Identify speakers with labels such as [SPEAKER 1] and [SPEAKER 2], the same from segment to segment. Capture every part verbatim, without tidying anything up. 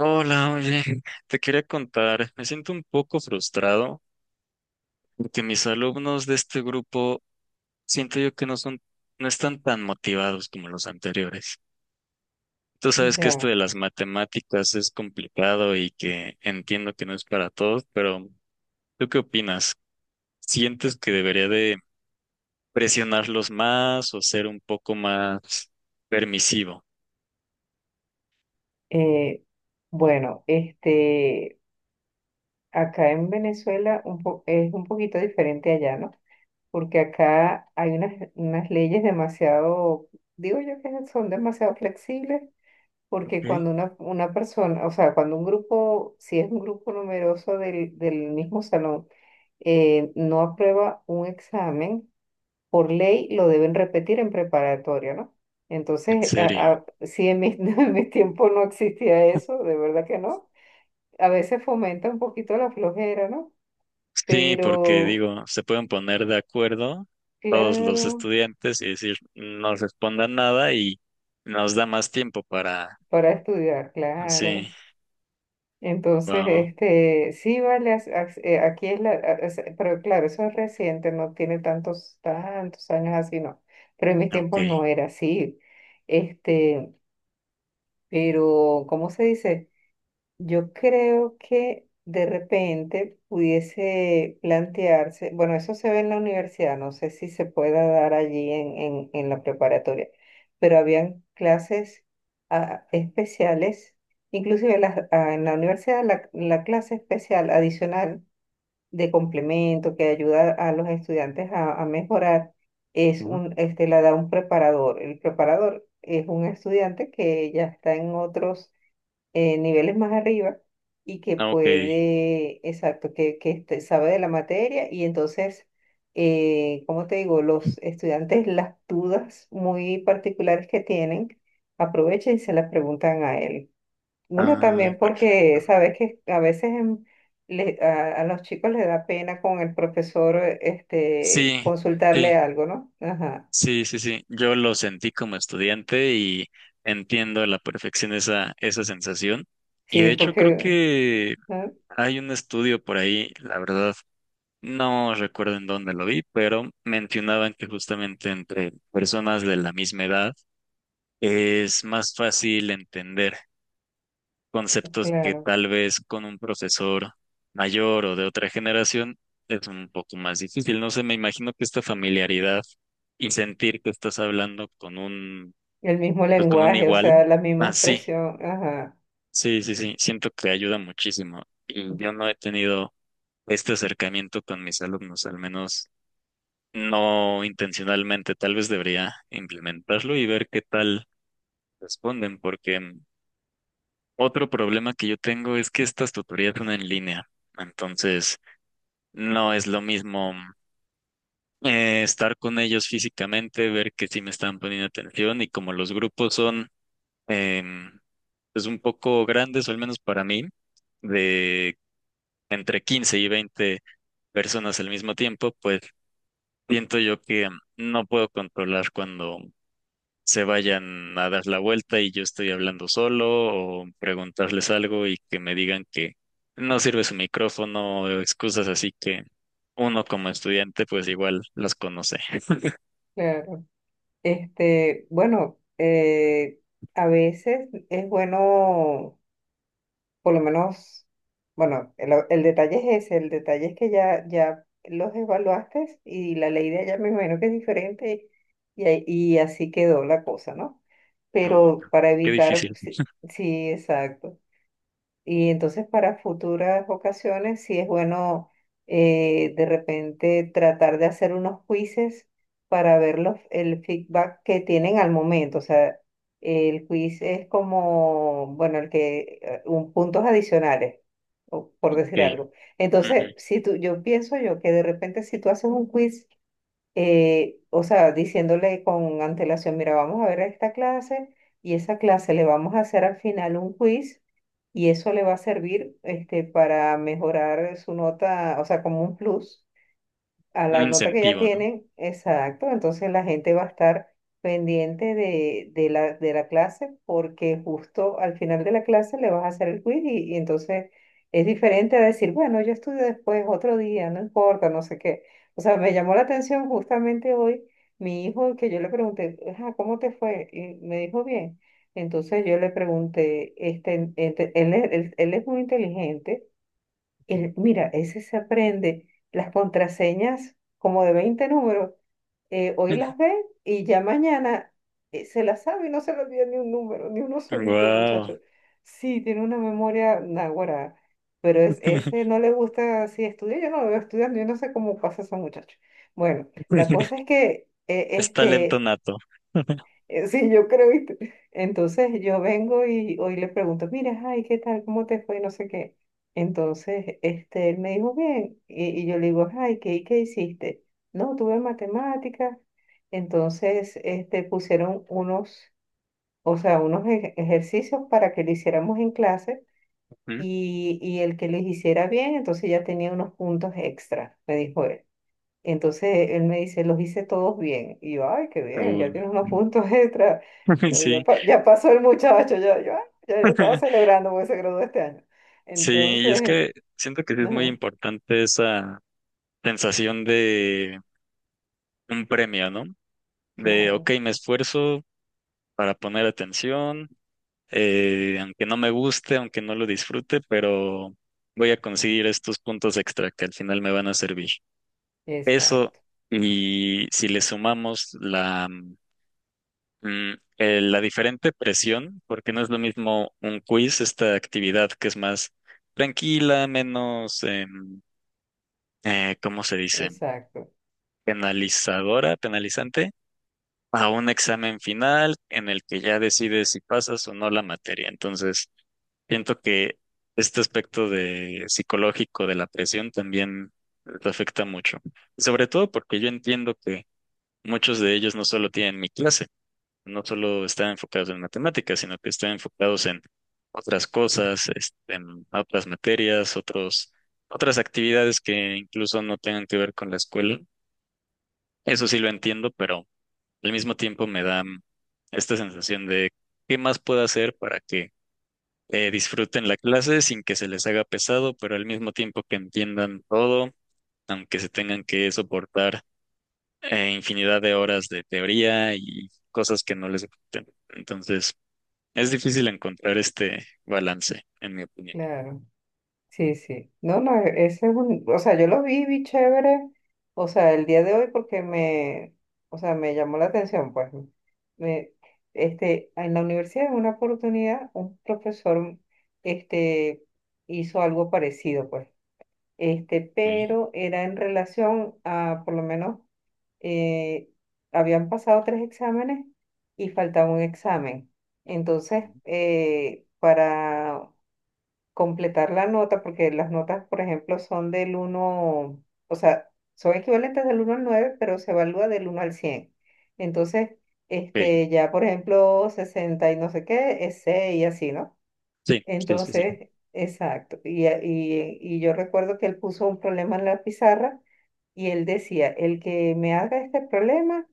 [SPEAKER 1] Hola, oye, te quería contar, me siento un poco frustrado porque mis alumnos de este grupo siento yo que no son, no están tan motivados como los anteriores. Tú sabes que esto
[SPEAKER 2] Ya,
[SPEAKER 1] de las matemáticas es complicado y que entiendo que no es para todos, pero ¿tú qué opinas? ¿Sientes que debería de presionarlos más o ser un poco más permisivo?
[SPEAKER 2] eh, bueno, este, acá en Venezuela un po- es un poquito diferente allá, ¿no? Porque acá hay unas, unas leyes demasiado, digo yo que son demasiado flexibles,
[SPEAKER 1] Ok.
[SPEAKER 2] porque cuando una, una persona, o sea, cuando un grupo, si es un grupo numeroso del, del mismo salón, eh, no aprueba un examen, por ley lo deben repetir en preparatoria, ¿no?
[SPEAKER 1] ¿En
[SPEAKER 2] Entonces, a-
[SPEAKER 1] serio?
[SPEAKER 2] a- si en mi, en mi tiempo no existía eso, de verdad que no. A veces fomenta un poquito la flojera, ¿no?
[SPEAKER 1] Sí, porque
[SPEAKER 2] Pero,
[SPEAKER 1] digo, se pueden poner de acuerdo todos los
[SPEAKER 2] claro,
[SPEAKER 1] estudiantes y decir, no respondan nada y nos da más tiempo para...
[SPEAKER 2] para estudiar,
[SPEAKER 1] ah,
[SPEAKER 2] claro.
[SPEAKER 1] sí.
[SPEAKER 2] Entonces,
[SPEAKER 1] Wow.
[SPEAKER 2] este, sí, vale, as- as- eh, aquí es la, a- es- pero claro, eso es reciente, no tiene tantos, tantos años así, no. Pero en mis tiempos
[SPEAKER 1] Ok.
[SPEAKER 2] no era así. Este, pero, ¿cómo se dice? Yo creo que de repente pudiese plantearse, bueno, eso se ve en la universidad, no sé si se pueda dar allí en, en, en la preparatoria, pero habían clases ah, especiales, inclusive las- ah, en la universidad la, la clase especial adicional de complemento que ayuda a los estudiantes a, a mejorar es
[SPEAKER 1] Ujú.
[SPEAKER 2] un, este, la da un preparador. El preparador es un estudiante que ya está en otros eh, niveles más arriba y que
[SPEAKER 1] Ok.
[SPEAKER 2] puede, exacto, que, que este- sabe de la materia y entonces, eh, como te digo, los estudiantes las dudas muy particulares que tienen, aprovechan y se las preguntan a él. Uno
[SPEAKER 1] Ah,
[SPEAKER 2] también
[SPEAKER 1] perfecto.
[SPEAKER 2] porque sabes que a veces en- le- a, a los chicos les da pena con el profesor eh, este,
[SPEAKER 1] Sí, sí,
[SPEAKER 2] consultarle algo, ¿no? Ajá.
[SPEAKER 1] sí, sí, sí. Yo lo sentí como estudiante y entiendo a la perfección esa, esa sensación. Y de
[SPEAKER 2] Sí,
[SPEAKER 1] hecho creo
[SPEAKER 2] porque,
[SPEAKER 1] que
[SPEAKER 2] ah,
[SPEAKER 1] hay un estudio por ahí, la verdad no recuerdo en dónde lo vi, pero mencionaban que justamente entre personas de la misma edad es más fácil entender conceptos que
[SPEAKER 2] claro,
[SPEAKER 1] tal vez con un profesor mayor o de otra generación es un poco más difícil. No sé, me imagino que esta familiaridad y sentir que estás hablando con un,
[SPEAKER 2] el mismo
[SPEAKER 1] pues con un
[SPEAKER 2] lenguaje, o
[SPEAKER 1] igual.
[SPEAKER 2] sea, la misma
[SPEAKER 1] Ah, sí,
[SPEAKER 2] expresión, ajá.
[SPEAKER 1] sí, sí, sí, siento que ayuda muchísimo. Y yo no he tenido este acercamiento con mis alumnos, al menos. No intencionalmente. Tal vez debería implementarlo y ver qué tal responden, porque mm, otro problema que yo tengo es que estas tutorías son en línea. Entonces, no es lo mismo mm, eh, estar con ellos físicamente, ver que sí me están poniendo atención y como los grupos son em, pues un poco grandes, o al menos para mí, de entre quince y veinte personas al mismo tiempo, pues siento yo que mm, no puedo controlar cuando se vayan a dar la vuelta y yo estoy hablando solo o preguntarles algo y que me digan que no sirve su micrófono o excusas así que uno como estudiante pues igual las conoce.
[SPEAKER 2] Claro. Este, bueno, eh, a veces es bueno, por lo menos, bueno, el, el detalle es ese, el detalle es que ya, ya los evaluaste y la ley de allá me imagino que es diferente y, ahí- y así quedó la cosa, ¿no?
[SPEAKER 1] No, no,
[SPEAKER 2] Pero para
[SPEAKER 1] qué
[SPEAKER 2] evitar,
[SPEAKER 1] difícil.
[SPEAKER 2] sí, sí, exacto. Y entonces para futuras ocasiones sí es bueno, eh, de repente tratar de hacer unos quizzes para ver los, el feedback que tienen al momento. O sea, el quiz es como, bueno, el que, eh, un puntos adicionales, o por decir
[SPEAKER 1] Ok.
[SPEAKER 2] algo.
[SPEAKER 1] Ujú.
[SPEAKER 2] Entonces, si tú, yo pienso yo que de repente si tú haces un quiz, eh, o sea, diciéndole con antelación, mira, vamos a ver esta clase y esa clase le vamos a hacer al final un quiz y eso le va a servir, este, para mejorar su nota, o sea, como un plus a
[SPEAKER 1] Un
[SPEAKER 2] la nota que ya
[SPEAKER 1] incentivo, ¿no?
[SPEAKER 2] tienen, exacto, entonces la gente va a estar pendiente de, de la, de la clase porque justo al final de la clase le vas a hacer el quiz y, y entonces es diferente a decir, bueno, yo estudio después, otro día, no importa, no sé qué. O sea, me llamó la atención justamente hoy mi hijo que yo le pregunté, "Ajá, ¿cómo te fue?" Y me dijo bien. Entonces yo le pregunté, este, ente- él, es- él él es muy inteligente. El- mira, ese se aprende las contraseñas como de veinte números. Eh, hoy las ve y ya mañana eh, se las sabe y no se le olvida ni un número, ni uno solito,
[SPEAKER 1] Wow.
[SPEAKER 2] muchacho. Sí, tiene una memoria náguara, pero es, ese no le gusta así estudiar. Yo no lo veo estudiando, yo no sé cómo pasa a esos muchachos. Bueno, la cosa es que eh,
[SPEAKER 1] Es talento
[SPEAKER 2] este,
[SPEAKER 1] nato.
[SPEAKER 2] eh, sí, yo creo, ¿viste? Entonces yo vengo y hoy le pregunto, mira, ay, ¿qué tal? ¿Cómo te fue? No sé qué. Entonces, este, él me dijo, bien, y, y yo le digo, ay, ¿qué, ¿qué hiciste? No, tuve matemáticas, entonces, este, pusieron unos, o sea, unos ej- ejercicios para que lo hiciéramos en clase
[SPEAKER 1] Ujú.
[SPEAKER 2] y, y el que los hiciera bien, entonces ya tenía unos puntos extra, me dijo él. Entonces él me dice, los hice todos bien. Y yo, ay, qué bien,
[SPEAKER 1] Uh.
[SPEAKER 2] ya tienes unos puntos extra. Yo, ya,
[SPEAKER 1] Sí.
[SPEAKER 2] pa- ya pasó el muchacho, ya, yo, "Ah, ya", yo estaba celebrando porque se graduó este año.
[SPEAKER 1] Sí, y es
[SPEAKER 2] Entonces,
[SPEAKER 1] que siento que sí es muy
[SPEAKER 2] ajá,
[SPEAKER 1] importante esa sensación de un premio, ¿no? De,
[SPEAKER 2] claro,
[SPEAKER 1] ok, me esfuerzo para poner atención, eh, aunque no me guste, aunque no lo disfrute, pero voy a conseguir estos puntos extra que al final me van a servir. Eso,
[SPEAKER 2] exacto,
[SPEAKER 1] y si le sumamos la, mm, eh, la diferente presión, porque no es lo mismo un quiz, esta actividad que es más tranquila, menos, em, eh, ¿cómo se dice?
[SPEAKER 2] exacto,
[SPEAKER 1] Penalizadora, penalizante, a un examen final en el que ya decides si pasas o no la materia. Entonces, siento que este aspecto de psicológico de la presión también te afecta mucho. Y sobre todo porque yo entiendo que muchos de ellos no solo tienen mi clase, no solo están enfocados en matemáticas, sino que están enfocados en otras cosas, este, en otras materias, otros, otras actividades que incluso no tengan que ver con la escuela. Eso sí lo entiendo, pero al mismo tiempo me da mm, esta sensación de qué más puedo hacer para que eh, disfruten la clase sin que se les haga pesado, pero al mismo tiempo que entiendan todo, aunque se tengan que soportar eh, infinidad de horas de teoría y cosas que no les gusten. Entonces, es difícil encontrar este balance, en mi opinión.
[SPEAKER 2] claro. Sí, sí. No, no, e- ese es un, o sea, yo lo vi, vi chévere, o sea, el día de hoy porque me, o sea, me llamó la atención, pues. Me, este, en la universidad en una oportunidad un profesor, este, hizo algo parecido, pues. Este,
[SPEAKER 1] Ok.
[SPEAKER 2] pero era en relación a, por lo menos, eh, habían pasado tres exámenes y faltaba un examen. Entonces, eh, para completar la nota, porque las notas, por ejemplo, son del uno, o sea, son equivalentes del uno al nueve pero se evalúa del uno al cien. Entonces,
[SPEAKER 1] Ok.
[SPEAKER 2] este, ya, por ejemplo, sesenta y no sé qué, es seis y así, ¿no?
[SPEAKER 1] Sí, sí, sí, sí.
[SPEAKER 2] Entonces, exacto. Y, a- y, y yo recuerdo que él puso un problema en la pizarra y él decía, el que me haga este problema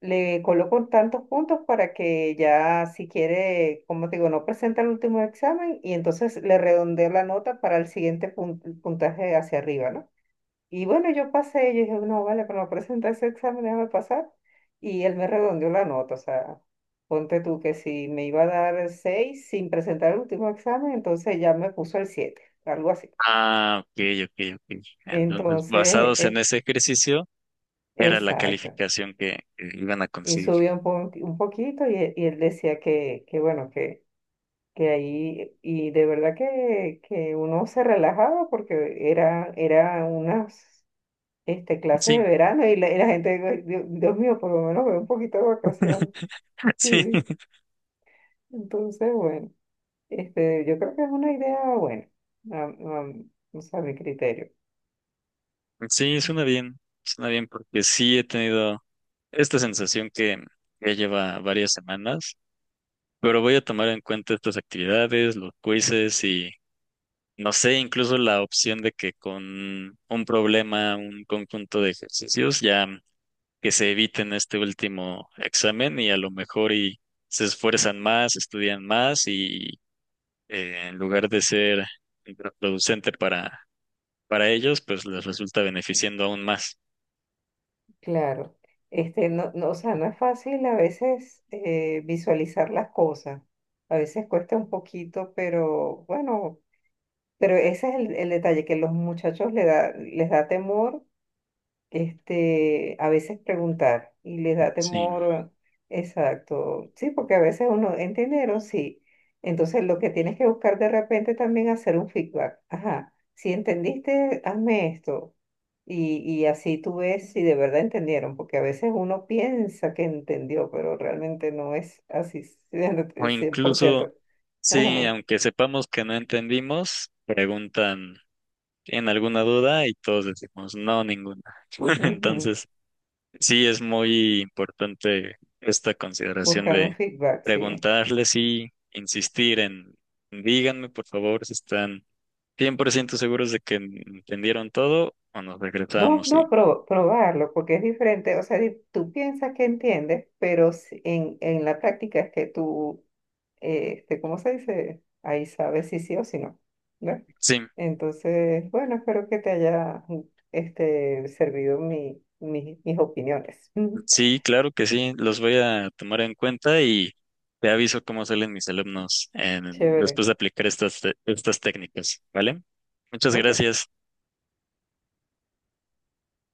[SPEAKER 2] le coloco tantos puntos para que ya si quiere, como te digo, no presenta el último examen y entonces le redondeo la nota para el siguiente pun- puntaje hacia arriba, ¿no? Y bueno, yo pasé, yo dije, no, vale, pero no presenta ese examen, déjame pasar. Y él me redondeó la nota, o sea, ponte tú que si me iba a dar el seis sin presentar el último examen, entonces ya me puso el siete, algo así.
[SPEAKER 1] Ah, ok, ok, ok. Entonces,
[SPEAKER 2] Entonces,
[SPEAKER 1] basados en
[SPEAKER 2] eh,
[SPEAKER 1] ese ejercicio, era la
[SPEAKER 2] exacto.
[SPEAKER 1] calificación que, que iban a
[SPEAKER 2] Y
[SPEAKER 1] conseguir.
[SPEAKER 2] subió un, po- un poquito y, e- y él decía que, que bueno, que que ahí, y de verdad que, que uno se relajaba porque era, era unas, este, clases
[SPEAKER 1] Sí.
[SPEAKER 2] de verano y la, y la gente, Dios, Dios mío, por lo menos veo un poquito de vacaciones.
[SPEAKER 1] Sí,
[SPEAKER 2] Sí, entonces, bueno, este, yo creo que es una idea buena, a, a- o sea, a mi criterio.
[SPEAKER 1] sí, suena bien, suena bien porque sí he tenido esta sensación que ya lleva varias semanas, pero voy a tomar en cuenta estas actividades, los quizzes y no sé, incluso la opción de que con un problema, un conjunto de ejercicios, ya que se eviten este último examen y a lo mejor y se esfuerzan más, estudian más y eh, en lugar de ser contraproducente para para ellos, pues les resulta beneficiando aún más.
[SPEAKER 2] Claro, este, no, no, o sea, no es fácil a veces eh, visualizar las cosas. A veces cuesta un poquito, pero bueno. Pero ese es el, el detalle, que los muchachos le da, les da temor, este, a veces preguntar, y les da
[SPEAKER 1] Sí.
[SPEAKER 2] temor, exacto, sí, porque a veces uno, entendieron sí. Entonces lo que tienes que buscar de repente también hacer un feedback. Ajá, si entendiste, hazme esto. Y, y así tú ves si de verdad entendieron, porque a veces uno piensa que entendió, pero realmente no es así.
[SPEAKER 1] O
[SPEAKER 2] cien por
[SPEAKER 1] incluso,
[SPEAKER 2] ciento
[SPEAKER 1] sí,
[SPEAKER 2] Ajá.
[SPEAKER 1] aunque sepamos que no entendimos, preguntan en alguna duda y todos decimos, no, ninguna.
[SPEAKER 2] Ujú.
[SPEAKER 1] Entonces, sí es muy importante esta consideración
[SPEAKER 2] Buscar un
[SPEAKER 1] de
[SPEAKER 2] feedback, sí.
[SPEAKER 1] preguntarles y insistir en, díganme por favor si están cien por ciento seguros de que entendieron todo o nos
[SPEAKER 2] No,
[SPEAKER 1] regresamos.
[SPEAKER 2] no,
[SPEAKER 1] Sí,
[SPEAKER 2] pro- probarlo, porque es diferente. O sea, di- tú piensas que entiendes, pero si- en, en la práctica es que tú, eh, este, ¿cómo se dice? Ahí sabes si sí o si no, ¿no?
[SPEAKER 1] sí.
[SPEAKER 2] Entonces, bueno, espero que te haya, este, servido mi, mi- mis opiniones.
[SPEAKER 1] Sí, claro que sí, los voy a tomar en cuenta y te aviso cómo salen mis alumnos en-
[SPEAKER 2] Chévere.
[SPEAKER 1] después de aplicar estas, te- estas técnicas, ¿vale? Muchas
[SPEAKER 2] Ok.
[SPEAKER 1] gracias.